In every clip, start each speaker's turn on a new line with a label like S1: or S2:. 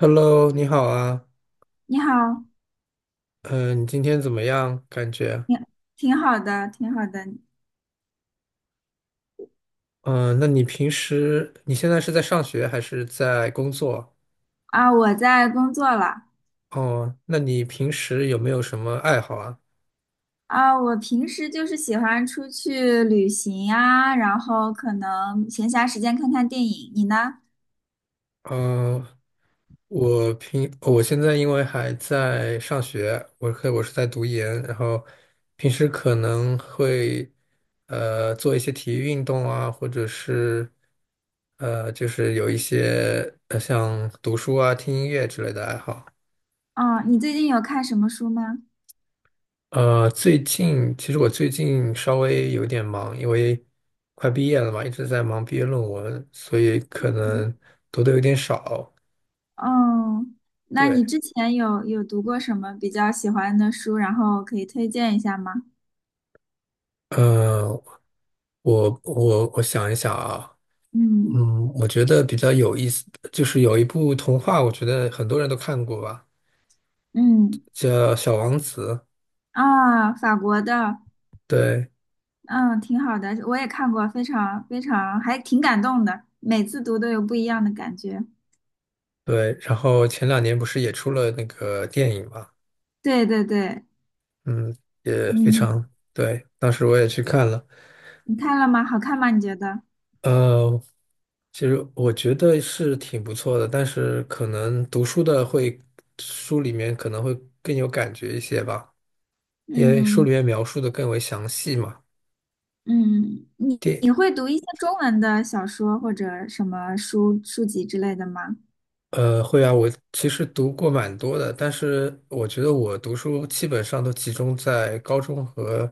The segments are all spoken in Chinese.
S1: Hello，你好啊，
S2: 你好。
S1: 嗯、你今天怎么样？
S2: 挺挺好的，挺好的。
S1: 嗯、那你平时你现在是在上学还是在工作？
S2: 啊！我在工作了。
S1: 哦，那你平时有没有什么爱好啊？
S2: 啊，我平时就是喜欢出去旅行呀，然后可能闲暇时间看看电影。你呢？
S1: 嗯、我现在因为还在上学，我是在读研，然后平时可能会做一些体育运动啊，或者是就是有一些像读书啊、听音乐之类的爱好。
S2: 哦，你最近有看什么书吗？
S1: 最近其实我最近稍微有点忙，因为快毕业了嘛，一直在忙毕业论文，所以可能读的有点少。
S2: 哦，那你
S1: 对，
S2: 之前有读过什么比较喜欢的书，然后可以推荐一下吗？
S1: 呃，我想一想啊，
S2: 嗯。
S1: 我觉得比较有意思，就是有一部童话，我觉得很多人都看过吧，
S2: 嗯。
S1: 叫《小王子》。
S2: 啊，法国的。
S1: 对
S2: 嗯，挺好的，我也看过，非常非常，还挺感动的，每次读都有不一样的感觉。
S1: 对，然后前两年不是也出了那个电影嘛，
S2: 对对对。
S1: 嗯，也非
S2: 嗯，
S1: 常对，当时我也去看了。
S2: 你看了吗？好看吗？你觉得？
S1: 呃，其实我觉得是挺不错的，但是可能读书的会，书里面可能会更有感觉一些吧，因为书
S2: 嗯。
S1: 里面描述的更为详细嘛。
S2: 嗯，你
S1: 电，
S2: 你会读一些中文的小说或者什么书籍之类的吗？
S1: 会啊，我其实读过蛮多的，但是我觉得我读书基本上都集中在高中和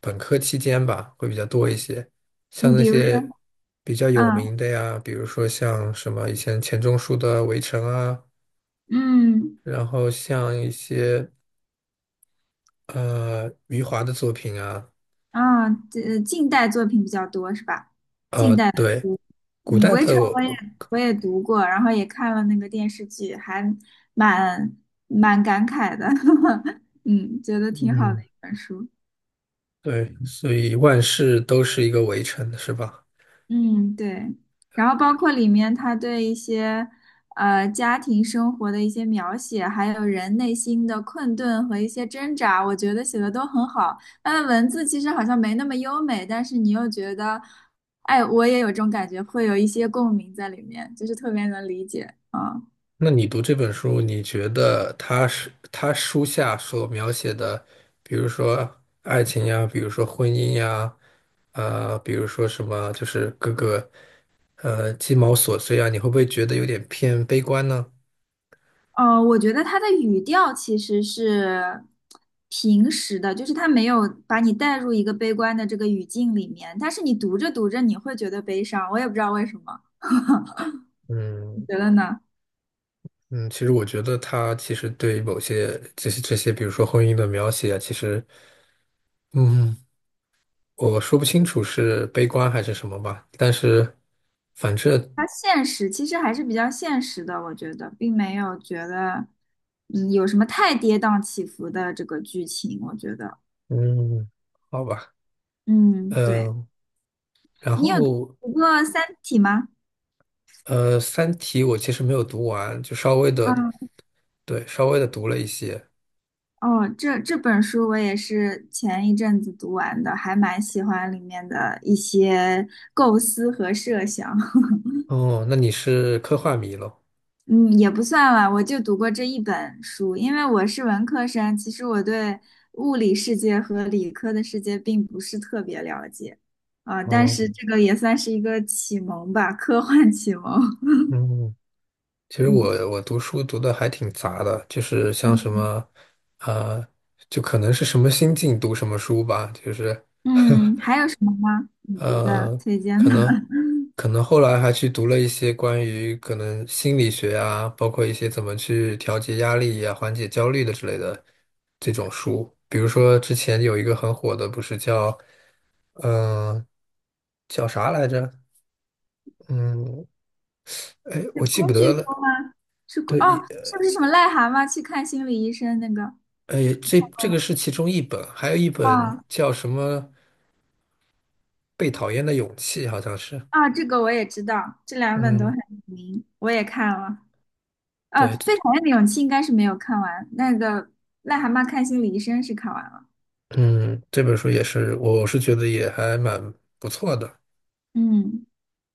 S1: 本科期间吧，会比较多一些。像
S2: 你
S1: 那
S2: 比如说，
S1: 些比较有名
S2: 啊。
S1: 的呀，比如说像什么以前钱钟书的《围城》啊，
S2: 嗯。
S1: 然后像一些。余华的作品啊，
S2: 啊，这近代作品比较多是吧？近代的。
S1: 对，古
S2: 嗯，
S1: 代
S2: 《围
S1: 的
S2: 城》我也
S1: 我。
S2: 读过，然后也看了那个电视剧，还蛮蛮感慨的。嗯，觉得挺好的
S1: 嗯，
S2: 一本书。
S1: 对，所以万事都是一个围城，是吧？
S2: 嗯，对，然后包括里面他对一些家庭生活的一些描写，还有人内心的困顿和一些挣扎，我觉得写的都很好。他的文字其实好像没那么优美，但是你又觉得，哎，我也有这种感觉，会有一些共鸣在里面，就是特别能理解啊。
S1: 那你读这本书，你觉得他是他书下所描写的，比如说爱情呀，比如说婚姻呀，比如说什么，就是各个鸡毛琐碎啊，你会不会觉得有点偏悲观呢？
S2: 哦，我觉得他的语调其实是平时的，就是他没有把你带入一个悲观的这个语境里面，但是你读着读着你会觉得悲伤，我也不知道为什么。你
S1: 嗯。
S2: 觉得呢？
S1: 嗯，其实我觉得他其实对某些这些，比如说婚姻的描写啊，其实，嗯，我说不清楚是悲观还是什么吧，但是反正
S2: 他现实其实还是比较现实的，我觉得并没有觉得嗯有什么太跌宕起伏的这个剧情，我觉得。
S1: 嗯，好吧，
S2: 嗯，对。
S1: 嗯，然
S2: 你有
S1: 后
S2: 读过《三体》吗？
S1: 《三体》我其实没有读完，就稍微的，
S2: 啊。
S1: 对，稍微的读了一些。
S2: 哦，这这本书我也是前一阵子读完的，还蛮喜欢里面的一些构思和设想。
S1: 哦，那你是科幻迷咯？
S2: 嗯，也不算吧，我就读过这一本书，因为我是文科生，其实我对物理世界和理科的世界并不是特别了解。啊、但
S1: 哦，
S2: 是这个也算是一个启蒙吧，科幻启蒙。
S1: 嗯，其实我
S2: 嗯。
S1: 我读书读的还挺杂的，就是像什
S2: 嗯。
S1: 么，呃，就可能是什么心境读什么书吧，就是
S2: 嗯，还有什么吗？你觉得
S1: 呃，
S2: 推荐
S1: 可
S2: 的？
S1: 能可能后来还去读了一些关于可能心理学啊，包括一些怎么去调节压力呀、缓解焦虑的之类的这种书。比如说之前有一个很火的，不是叫嗯、呃叫啥来着？嗯，哎，
S2: 是
S1: 我记不
S2: 工具
S1: 得
S2: 书
S1: 了。
S2: 吗？是工
S1: 对，
S2: 哦，是不是什么癞蛤蟆去看心理医生那个？
S1: 哎，这个是其中一本，还有一本
S2: 啊。
S1: 叫什么《被讨厌的勇气》，好像是。
S2: 啊，这个我也知道，这两本都很
S1: 嗯，
S2: 有名，我也看了。啊，
S1: 对，
S2: 被讨厌的勇气应该是没有看完，那个癞蛤蟆看心理医生是看完了。
S1: 嗯，这本书也是，我是觉得也还蛮不错的。
S2: 嗯。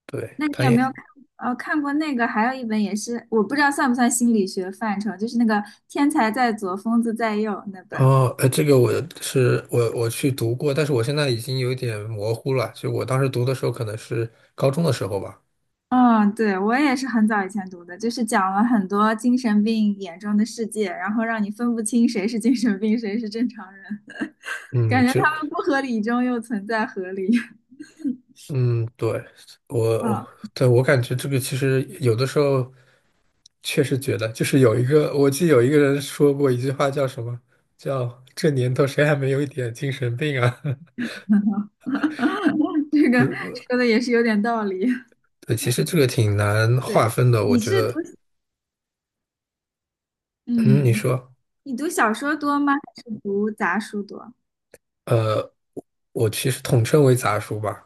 S1: 对，
S2: 那你
S1: 他
S2: 有没有
S1: 也，
S2: 看？哦，看过那个，还有一本也是，我不知道算不算心理学范畴，就是那个《天才在左，疯子在右》那本。
S1: 哦，这个我是我我去读过，但是我现在已经有点模糊了。就我当时读的时候，可能是高中的时候吧。
S2: 嗯，对，我也是很早以前读的，就是讲了很多精神病眼中的世界，然后让你分不清谁是精神病，谁是正常人，感
S1: 嗯，
S2: 觉
S1: 其实，
S2: 他们不合理中又存在合理。
S1: 嗯，对，
S2: 嗯。
S1: 我，对，我感觉这个其实有的时候确实觉得，就是有一个，我记得有一个人说过一句话，叫什么？叫这年头谁还没有一点精神病啊？
S2: 这
S1: 不
S2: 个
S1: 是，
S2: 说的也是有点道理。
S1: 对，其
S2: 嗯。
S1: 实这个挺难划
S2: 对，
S1: 分的，我
S2: 你
S1: 觉
S2: 是读，
S1: 得。嗯，你
S2: 嗯，
S1: 说。
S2: 你读小说多吗？还是读杂书多？
S1: 呃，我其实统称为杂书吧，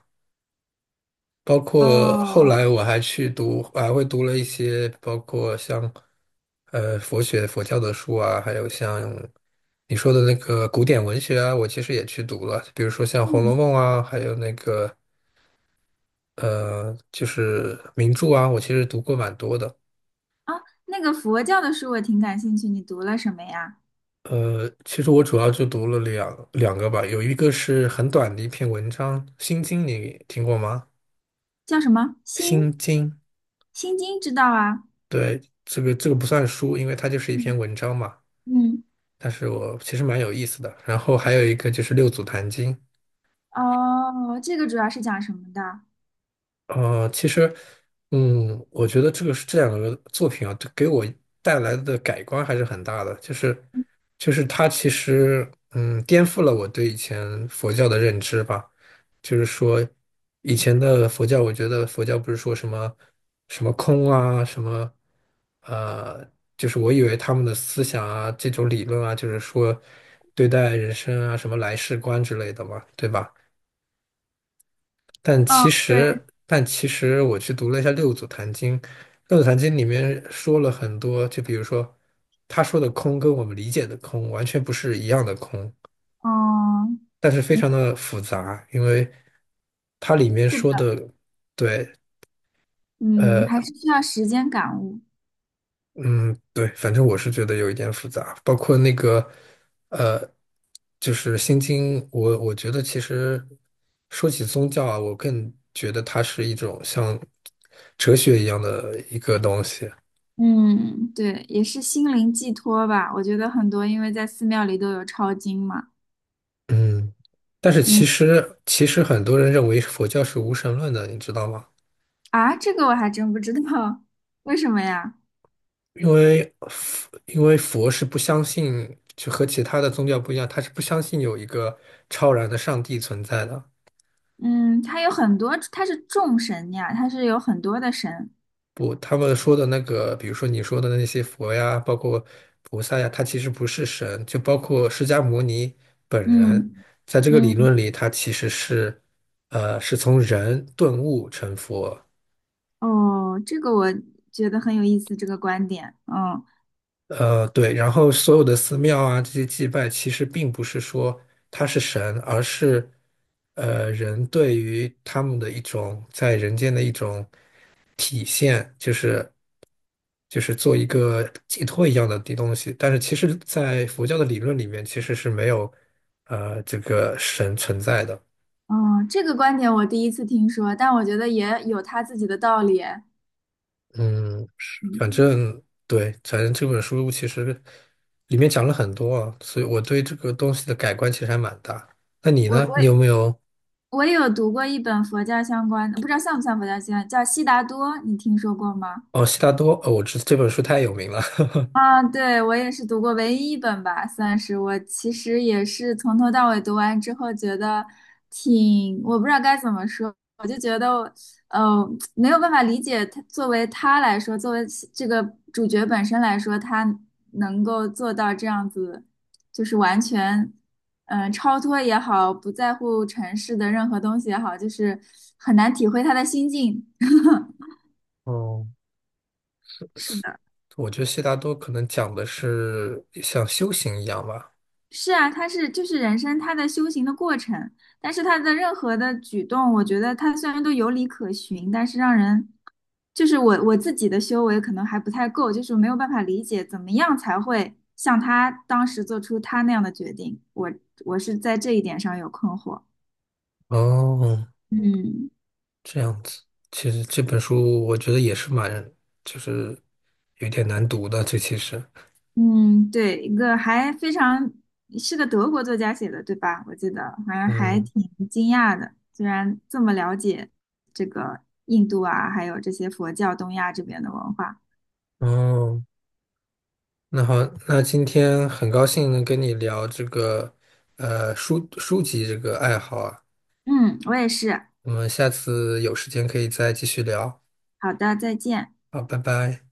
S1: 包
S2: 哦
S1: 括后
S2: 哦。
S1: 来我还去读，还会读了一些，包括像佛学、佛教的书啊，还有像你说的那个古典文学啊，我其实也去读了，比如说像《红楼
S2: 嗯。
S1: 梦》啊，还有那个就是名著啊，我其实读过蛮多的。
S2: 啊，那个佛教的书我挺感兴趣，你读了什么呀？
S1: 其实我主要就读了两个吧，有一个是很短的一篇文章，《心经》，你听过吗？
S2: 叫什么？心。
S1: 《心经》。
S2: 心经知道啊？
S1: 对，这个这个不算书，因为它就是一
S2: 嗯。
S1: 篇文章嘛。
S2: 嗯。
S1: 但是我其实蛮有意思的。然后还有一个就是六祖坛经，
S2: 哦，这个主要是讲什么的？
S1: 其实，我觉得这个是这两个作品啊，这给我带来的改观还是很大的。就是，它其实，颠覆了我对以前佛教的认知吧。就是说，以前的佛教，我觉得佛教不是说什么什么空啊，什么，呃，就是我以为他们的思想啊，这种理论啊，就是说对待人生啊，什么来世观之类的嘛，对吧？但
S2: 哦，
S1: 其
S2: 对。
S1: 实，但其实我去读了一下《六祖坛经》，《六祖坛经》里面说了很多，就比如说他说的空跟我们理解的空完全不是一样的空，
S2: 嗯。
S1: 但是非
S2: 嗯。
S1: 常的复杂，因为它里面
S2: 是
S1: 说
S2: 的。
S1: 的，对，
S2: 嗯，还是需要时间感悟。
S1: 嗯，对，反正我是觉得有一点复杂，包括那个，呃，就是《心经》，我觉得其实说起宗教啊，我更觉得它是一种像哲学一样的一个东西。
S2: 嗯，对，也是心灵寄托吧。我觉得很多，因为在寺庙里都有抄经嘛。
S1: 嗯，但是其
S2: 嗯。
S1: 实其实很多人认为佛教是无神论的，你知道吗？
S2: 啊，这个我还真不知道。为什么呀？
S1: 因为佛是不相信，就和其他的宗教不一样，他是不相信有一个超然的上帝存在的。
S2: 嗯，它有很多，它是众神呀，它是有很多的神。
S1: 不，他们说的那个，比如说你说的那些佛呀，包括菩萨呀，他其实不是神，就包括释迦牟尼本人，
S2: 嗯。
S1: 在这个理
S2: 嗯。
S1: 论里，他其实是从人顿悟成佛。
S2: 哦，这个我觉得很有意思，这个观点。嗯。
S1: 对，然后所有的寺庙啊，这些祭拜其实并不是说他是神，而是人对于他们的一种在人间的一种体现，就是做一个寄托一样的地东西。但是其实，在佛教的理论里面，其实是没有这个神存在的。
S2: 嗯，这个观点我第一次听说，但我觉得也有他自己的道理。
S1: 嗯，是反
S2: 嗯，
S1: 正对，反正这本书其实里面讲了很多啊，所以我对这个东西的改观其实还蛮大。那你
S2: 我
S1: 呢？你有没有？
S2: 我也有读过一本佛教相关的，不知道像不像佛教相关，叫《悉达多》，你听说过吗？
S1: 哦，悉达多，哦，这本书太有名了。
S2: 啊，对，我也是读过唯一一本吧，算是我其实也是从头到尾读完之后，觉得挺，我不知道该怎么说，我就觉得，呃，没有办法理解他作为他来说，作为其这个主角本身来说，他能够做到这样子，就是完全，嗯、超脱也好，不在乎尘世的任何东西也好，就是很难体会他的心境。
S1: 哦，
S2: 是的。
S1: 我觉得悉达多可能讲的是像修行一样吧。
S2: 是啊，他是就是人生他的修行的过程，但是他的任何的举动，我觉得他虽然都有理可循，但是让人就是我自己的修为可能还不太够，就是没有办法理解怎么样才会像他当时做出他那样的决定。我我是在这一点上有困惑。
S1: 哦，
S2: 嗯。
S1: 这样子。其实这本书我觉得也是蛮，就是有点难读的。这其实，
S2: 嗯，对，一个还非常是个德国作家写的，对吧？我记得好像还
S1: 嗯，
S2: 挺惊讶的，居然这么了解这个印度啊，还有这些佛教东亚这边的文化。
S1: 哦。那好，那今天很高兴能跟你聊这个，书籍这个爱好啊。
S2: 嗯，我也是。
S1: 我们下次有时间可以再继续聊。
S2: 好的，再见。
S1: 好，拜拜。